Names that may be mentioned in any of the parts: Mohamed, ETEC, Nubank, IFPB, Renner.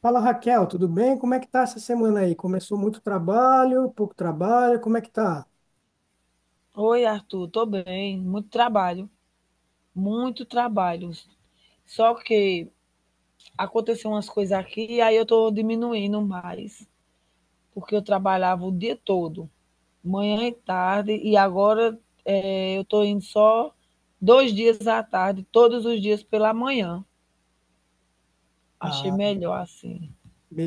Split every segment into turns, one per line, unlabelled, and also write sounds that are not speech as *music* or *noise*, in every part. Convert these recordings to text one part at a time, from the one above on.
Fala Raquel, tudo bem? Como é que tá essa semana aí? Começou muito trabalho, pouco trabalho, como é que tá?
Oi, Arthur, tô bem. Muito trabalho, muito trabalho. Só que aconteceu umas coisas aqui e aí eu tô diminuindo mais, porque eu trabalhava o dia todo, manhã e tarde, e agora eu tô indo só dois dias à tarde, todos os dias pela manhã. Achei
Ah,
melhor assim.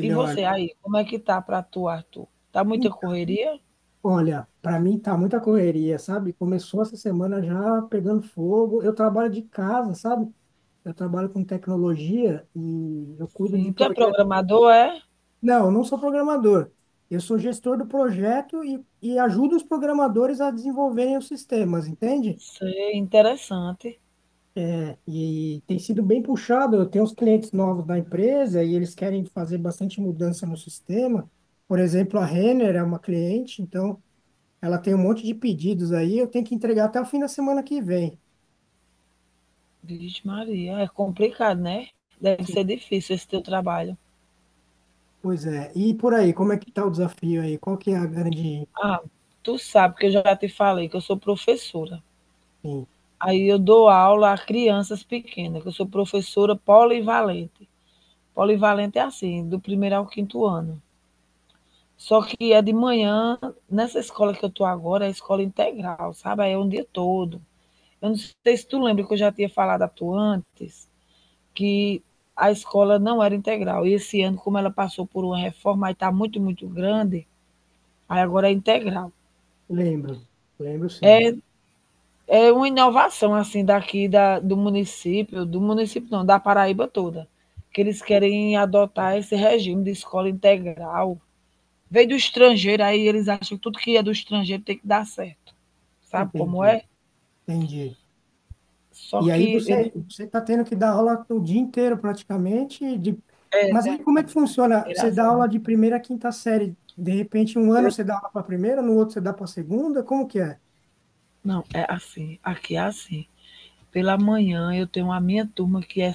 E você aí, como é que tá pra tu, Arthur? Tá muita
Hum,
correria?
Olha, para mim tá muita correria, sabe? Começou essa semana já pegando fogo. Eu trabalho de casa, sabe? Eu trabalho com tecnologia e eu cuido de
Sim. Tu é
projetos.
programador, é?
Não, eu não sou programador. Eu sou gestor do projeto e ajudo os programadores a desenvolverem os sistemas, entende?
Sei, interessante.
É, e tem sido bem puxado. Eu tenho uns clientes novos da empresa e eles querem fazer bastante mudança no sistema. Por exemplo, a Renner é uma cliente, então ela tem um monte de pedidos aí. Eu tenho que entregar até o fim da semana que vem.
Vixe Maria, é complicado, né? Deve
Sim,
ser difícil esse teu trabalho.
pois é. E por aí, como é que tá o desafio aí? Qual que é a grande...
Ah, tu sabe que eu já te falei que eu sou professora.
Sim,
Aí eu dou aula a crianças pequenas, que eu sou professora polivalente. Polivalente é assim, do primeiro ao quinto ano. Só que é de manhã, nessa escola que eu tô agora, é escola integral, sabe? Aí é um dia todo. Eu não sei se tu lembra que eu já tinha falado a tu antes, que a escola não era integral. E esse ano, como ela passou por uma reforma, aí está muito, muito grande, aí agora é integral.
lembro. Lembro, sim.
É uma inovação, assim, do município não, da Paraíba toda, que eles querem adotar esse regime de escola integral. Veio do estrangeiro, aí eles acham que tudo que é do estrangeiro tem que dar certo. Sabe como
Entendi.
é?
Entendi.
Só
E aí
que eu
você
não
você está tendo que dar aula o dia inteiro praticamente. De... Mas
sabia,
aí como é que funciona?
era
Você dá
assim.
aula de primeira a quinta série. De repente, um ano você dá aula para a primeira, no outro você dá para a segunda? Como que é?
Não, é assim. Aqui é assim. Pela manhã eu tenho a minha turma que é,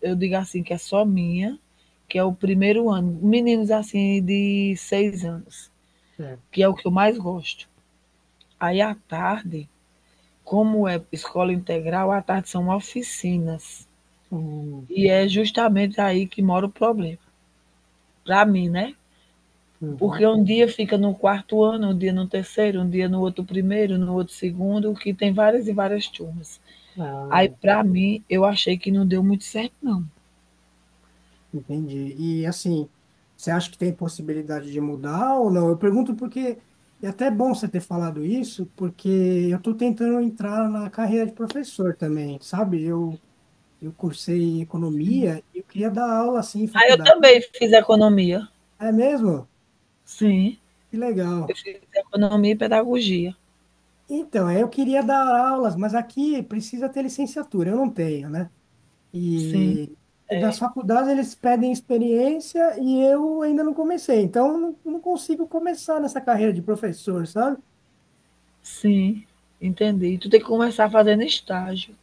eu digo assim, que é só minha, que é o primeiro ano, meninos assim de 6 anos,
Certo.
que é o que eu mais gosto. Aí à tarde, como é escola integral, à tarde são oficinas.
Hum.
E é justamente aí que mora o problema, para mim, né?
Uhum.
Porque um dia fica no quarto ano, um dia no terceiro, um dia no outro primeiro, no outro segundo, que tem várias e várias turmas. Aí,
Ah.
para mim, eu achei que não deu muito certo, não.
Entendi. E assim, você acha que tem possibilidade de mudar ou não? Eu pergunto porque é até bom você ter falado isso, porque eu estou tentando entrar na carreira de professor também, sabe? Eu cursei economia e eu queria dar aula assim em
Ah, eu
faculdade.
também fiz economia.
É mesmo?
Sim.
Que
Eu
legal.
fiz economia e pedagogia.
Então, é, eu queria dar aulas, mas aqui precisa ter licenciatura, eu não tenho, né?
Sim,
E, e nas faculdades eles pedem experiência e eu ainda não comecei, então eu não consigo começar nessa carreira de professor, sabe?
sim. Entendi. Tu tem que começar fazendo estágio.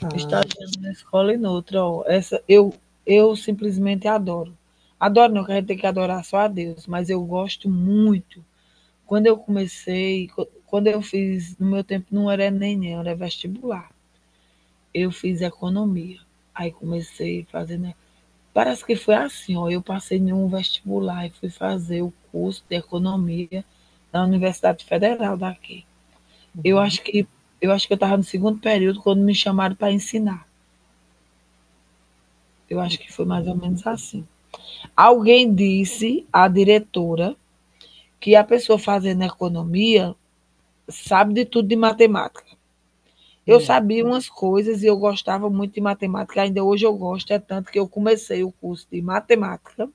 Ah,
Estagiando na escola e noutra. Ó. Eu simplesmente adoro. Adoro, não, que a gente tem que adorar só a Deus, mas eu gosto muito. Quando eu comecei, quando eu fiz, no meu tempo não era nem era vestibular. Eu fiz economia. Aí comecei fazendo. Parece que foi assim, ó, eu passei em um vestibular e fui fazer o curso de economia na Universidade Federal daqui. Eu
uhum.
acho que eu acho que eu estava no segundo período quando me chamaram para ensinar. Eu acho que foi mais ou menos assim. Alguém disse à diretora que a pessoa fazendo economia sabe de tudo de matemática. Eu
Sim,
sabia umas coisas e eu gostava muito de matemática, ainda hoje eu gosto, é tanto que eu comecei o curso de matemática.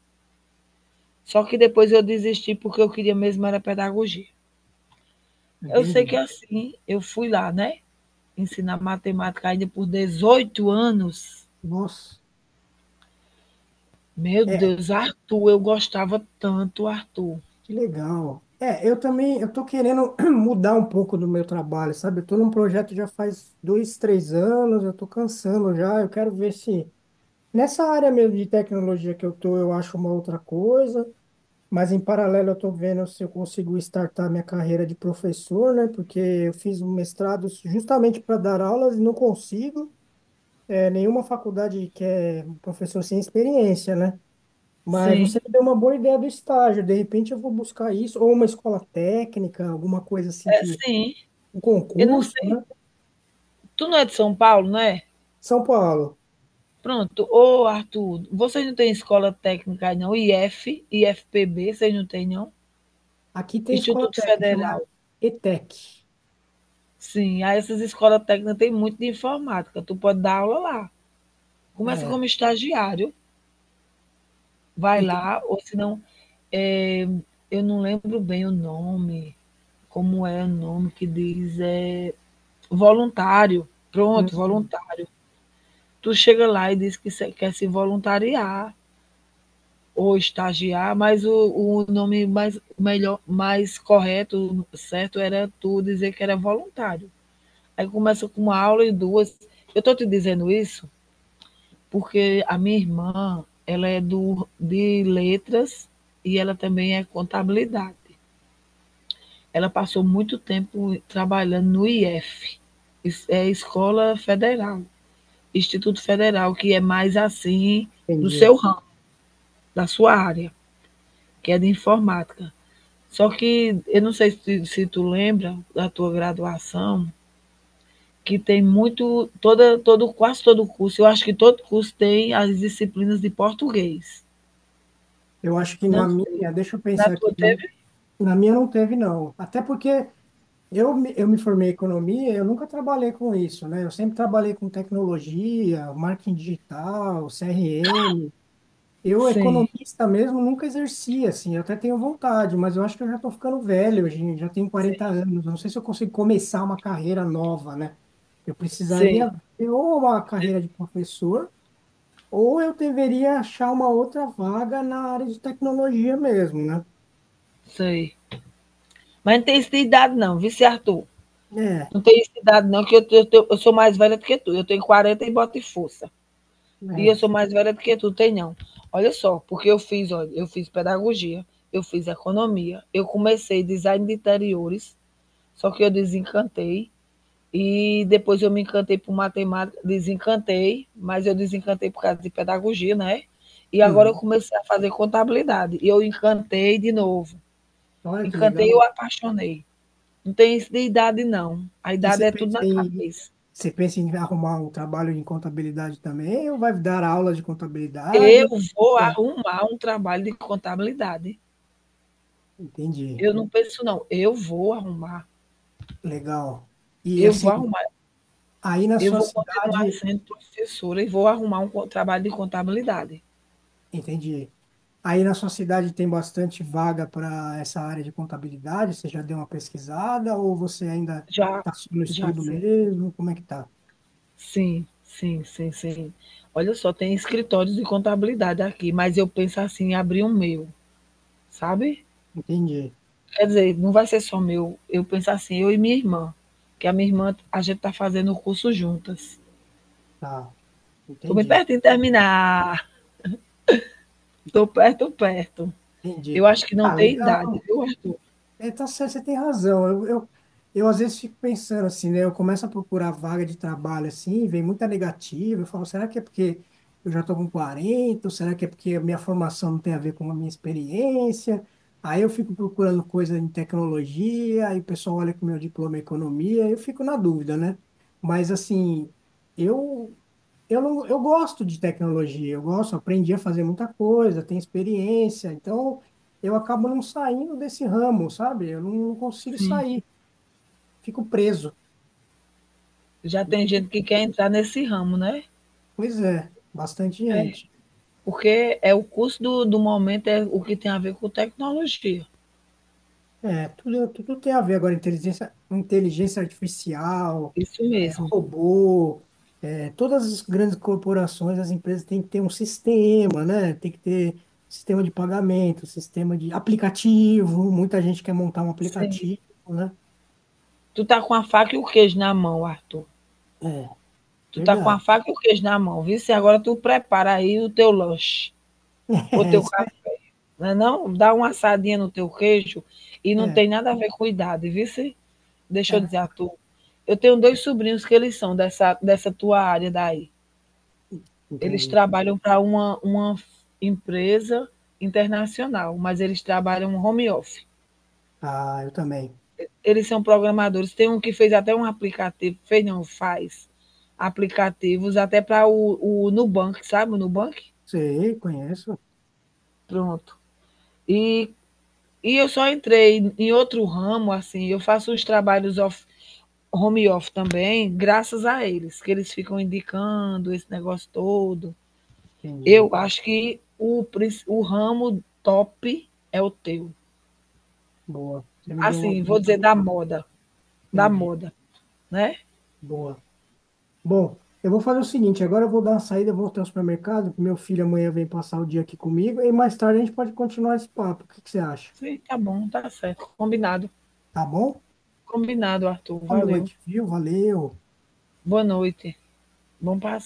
Só que depois eu desisti porque eu queria mesmo era pedagogia. Eu sei
entendi.
que é assim, eu fui lá, né, ensinar matemática ainda por 18 anos.
Nossa,
Meu
é,
Deus, Arthur, eu gostava tanto, Arthur.
que legal. É, eu também, eu tô querendo *clears throat* mudar um pouco do meu trabalho, sabe? Eu tô num projeto já faz dois, três anos, eu tô cansando já, eu quero ver se. Nessa área mesmo de tecnologia que eu tô, eu acho uma outra coisa, mas em paralelo eu tô vendo se eu consigo startar minha carreira de professor, né? Porque eu fiz um mestrado justamente para dar aulas e não consigo. É, nenhuma faculdade quer um professor sem experiência, né? Mas você
Sim,
me deu uma boa ideia do estágio, de repente eu vou buscar isso, ou uma escola técnica, alguma coisa assim
é
que,
sim.
um
Eu não
concurso,
sei.
né?
Tu não é de São Paulo, né?
São Paulo,
Pronto. Ô, Arthur, vocês não têm escola técnica aí não? IF, IFPB, vocês não têm não?
aqui tem escola
Instituto
técnica,
Federal.
chama ETEC.
Sim, aí essas escolas técnicas têm muito de informática. Tu pode dar aula lá. Começa
É,
como estagiário. Vai
entendi.
lá, ou senão, eh, eu não lembro bem o nome, como é o nome que diz, voluntário, pronto, voluntário. Tu chega lá e diz que se quer se voluntariar ou estagiar, mas o nome mais melhor mais correto, certo, era tu dizer que era voluntário. Aí começa com uma aula e duas. Eu estou te dizendo isso, porque a minha irmã, ela é do de letras e ela também é contabilidade. Ela passou muito tempo trabalhando no IF, é Escola Federal, Instituto Federal, que é mais assim do
Entendi.
seu ramo, da sua área, que é de informática. Só que eu não sei se, se tu lembra da tua graduação, que tem muito, quase todo curso, eu acho que todo curso tem as disciplinas de português.
Eu acho que
Não
na
sei.
minha, deixa eu
Na
pensar aqui,
tua
na,
teve?
na minha não teve, não. Até porque eu, eu me formei em economia, eu nunca trabalhei com isso, né? Eu sempre trabalhei com tecnologia, marketing digital, CRM. Eu,
Sim,
economista mesmo, nunca exerci, assim, eu até tenho vontade, mas eu acho que eu já estou ficando velho, gente, já tenho quarenta
sim,
anos, não sei se eu consigo começar uma carreira nova, né? Eu precisaria
sim,
ter ou uma carreira de professor, ou eu deveria achar uma outra vaga na área de tecnologia mesmo, né?
sei. Mas não tem isso de idade não, viu, seu Arthur?
É,
Não tem isso de idade, não, que eu sou mais velha do que tu. Eu tenho 40 e boto em força. E eu sou
mas,
mais velha do que tu, tem não. Olha só, porque eu fiz, olha, eu fiz pedagogia, eu fiz economia, eu comecei design de interiores, só que eu desencantei. E depois eu me encantei por matemática, desencantei, mas eu desencantei por causa de pedagogia, né? E agora eu
uhum.
comecei a fazer contabilidade. E eu encantei de novo.
Olha que
Encantei e eu
legal.
apaixonei. Não tem isso de idade, não. A
E
idade é tudo na cabeça.
você pensa em arrumar um trabalho em contabilidade também, ou vai dar aula de contabilidade?
Eu
Ou o
vou
que é?
arrumar um trabalho de contabilidade.
Entendi.
Eu não penso não, eu vou arrumar,
Legal. E
eu
assim,
vou arrumar,
aí na
eu
sua
vou continuar
cidade,
sendo professora e vou arrumar um co trabalho de contabilidade.
entendi. Aí na sua cidade tem bastante vaga para essa área de contabilidade? Você já deu uma pesquisada ou você ainda
Já,
está só no
já
estudo
sim.
mesmo? Como é que tá?
Sim, sim, sim, sim. Olha só, tem escritórios de contabilidade aqui, mas eu penso assim em abrir um meu, sabe?
Entendi.
Quer dizer, não vai ser só meu, eu penso assim, eu e minha irmã, que a minha irmã a gente está fazendo o curso juntas.
Tá.
Estou bem
Entendi.
perto de terminar, estou perto, perto.
Entendi.
Eu acho que não
Ah,
tem
legal.
idade, viu, Arthur?
É, tá certo, você tem razão. Eu às vezes fico pensando assim, né? Eu começo a procurar vaga de trabalho assim, vem muita negativa. Eu falo, será que é porque eu já estou com 40? Ou será que é porque a minha formação não tem a ver com a minha experiência? Aí eu fico procurando coisa em tecnologia, aí o pessoal olha que o meu diploma é economia, eu fico na dúvida, né? Mas assim, eu eu não, eu gosto de tecnologia, eu gosto, aprendi a fazer muita coisa, tenho experiência, então eu acabo não saindo desse ramo, sabe? Eu não consigo
Sim.
sair, fico preso.
Já tem gente que quer entrar nesse ramo, né?
Pois é, bastante
É.
gente.
Porque é o curso do momento, é o que tem a ver com tecnologia.
É, tudo, tudo tem a ver agora, inteligência, inteligência artificial,
Isso
é,
mesmo.
robô, é, todas as grandes corporações, as empresas têm que ter um sistema, né? Tem que ter sistema de pagamento, sistema de aplicativo, muita gente quer montar um
Sim.
aplicativo, né?
Tu tá com a faca e o queijo na mão, Arthur.
É,
Tu tá com a
verdade.
faca e o queijo na mão, viu? Se agora tu prepara aí o teu lanche,
*laughs*
o
É,
teu
isso aí,
café, não, é não dá uma assadinha no teu queijo e não
é,
tem nada a ver com idade, viu? Deixa
é,
eu dizer, Arthur. Eu tenho dois sobrinhos que eles são dessa tua área daí. Eles
entendi.
trabalham para uma f empresa internacional, mas eles trabalham home office.
Ah, eu também.
Eles são programadores, tem um que fez até um aplicativo, fez não, faz aplicativos até para o Nubank, sabe o Nubank?
Sei, conheço.
Pronto. E e eu só entrei em outro ramo, assim, eu faço uns trabalhos off home office também, graças a eles, que eles ficam indicando esse negócio todo.
Entendi.
Eu acho que o princi o ramo top é o teu.
Boa. Você me deu uma
Assim,
boa
vou dizer
animada.
da
Entendi.
moda, né?
Boa. Bom, eu vou fazer o seguinte, agora eu vou dar uma saída, eu vou até o supermercado, meu filho amanhã vem passar o dia aqui comigo e mais tarde a gente pode continuar esse papo. O que que você acha?
Sim, tá bom, tá certo. Combinado.
Tá bom?
Combinado, Arthur.
Boa
Valeu.
noite, viu? Valeu.
Boa noite. Bom passeio.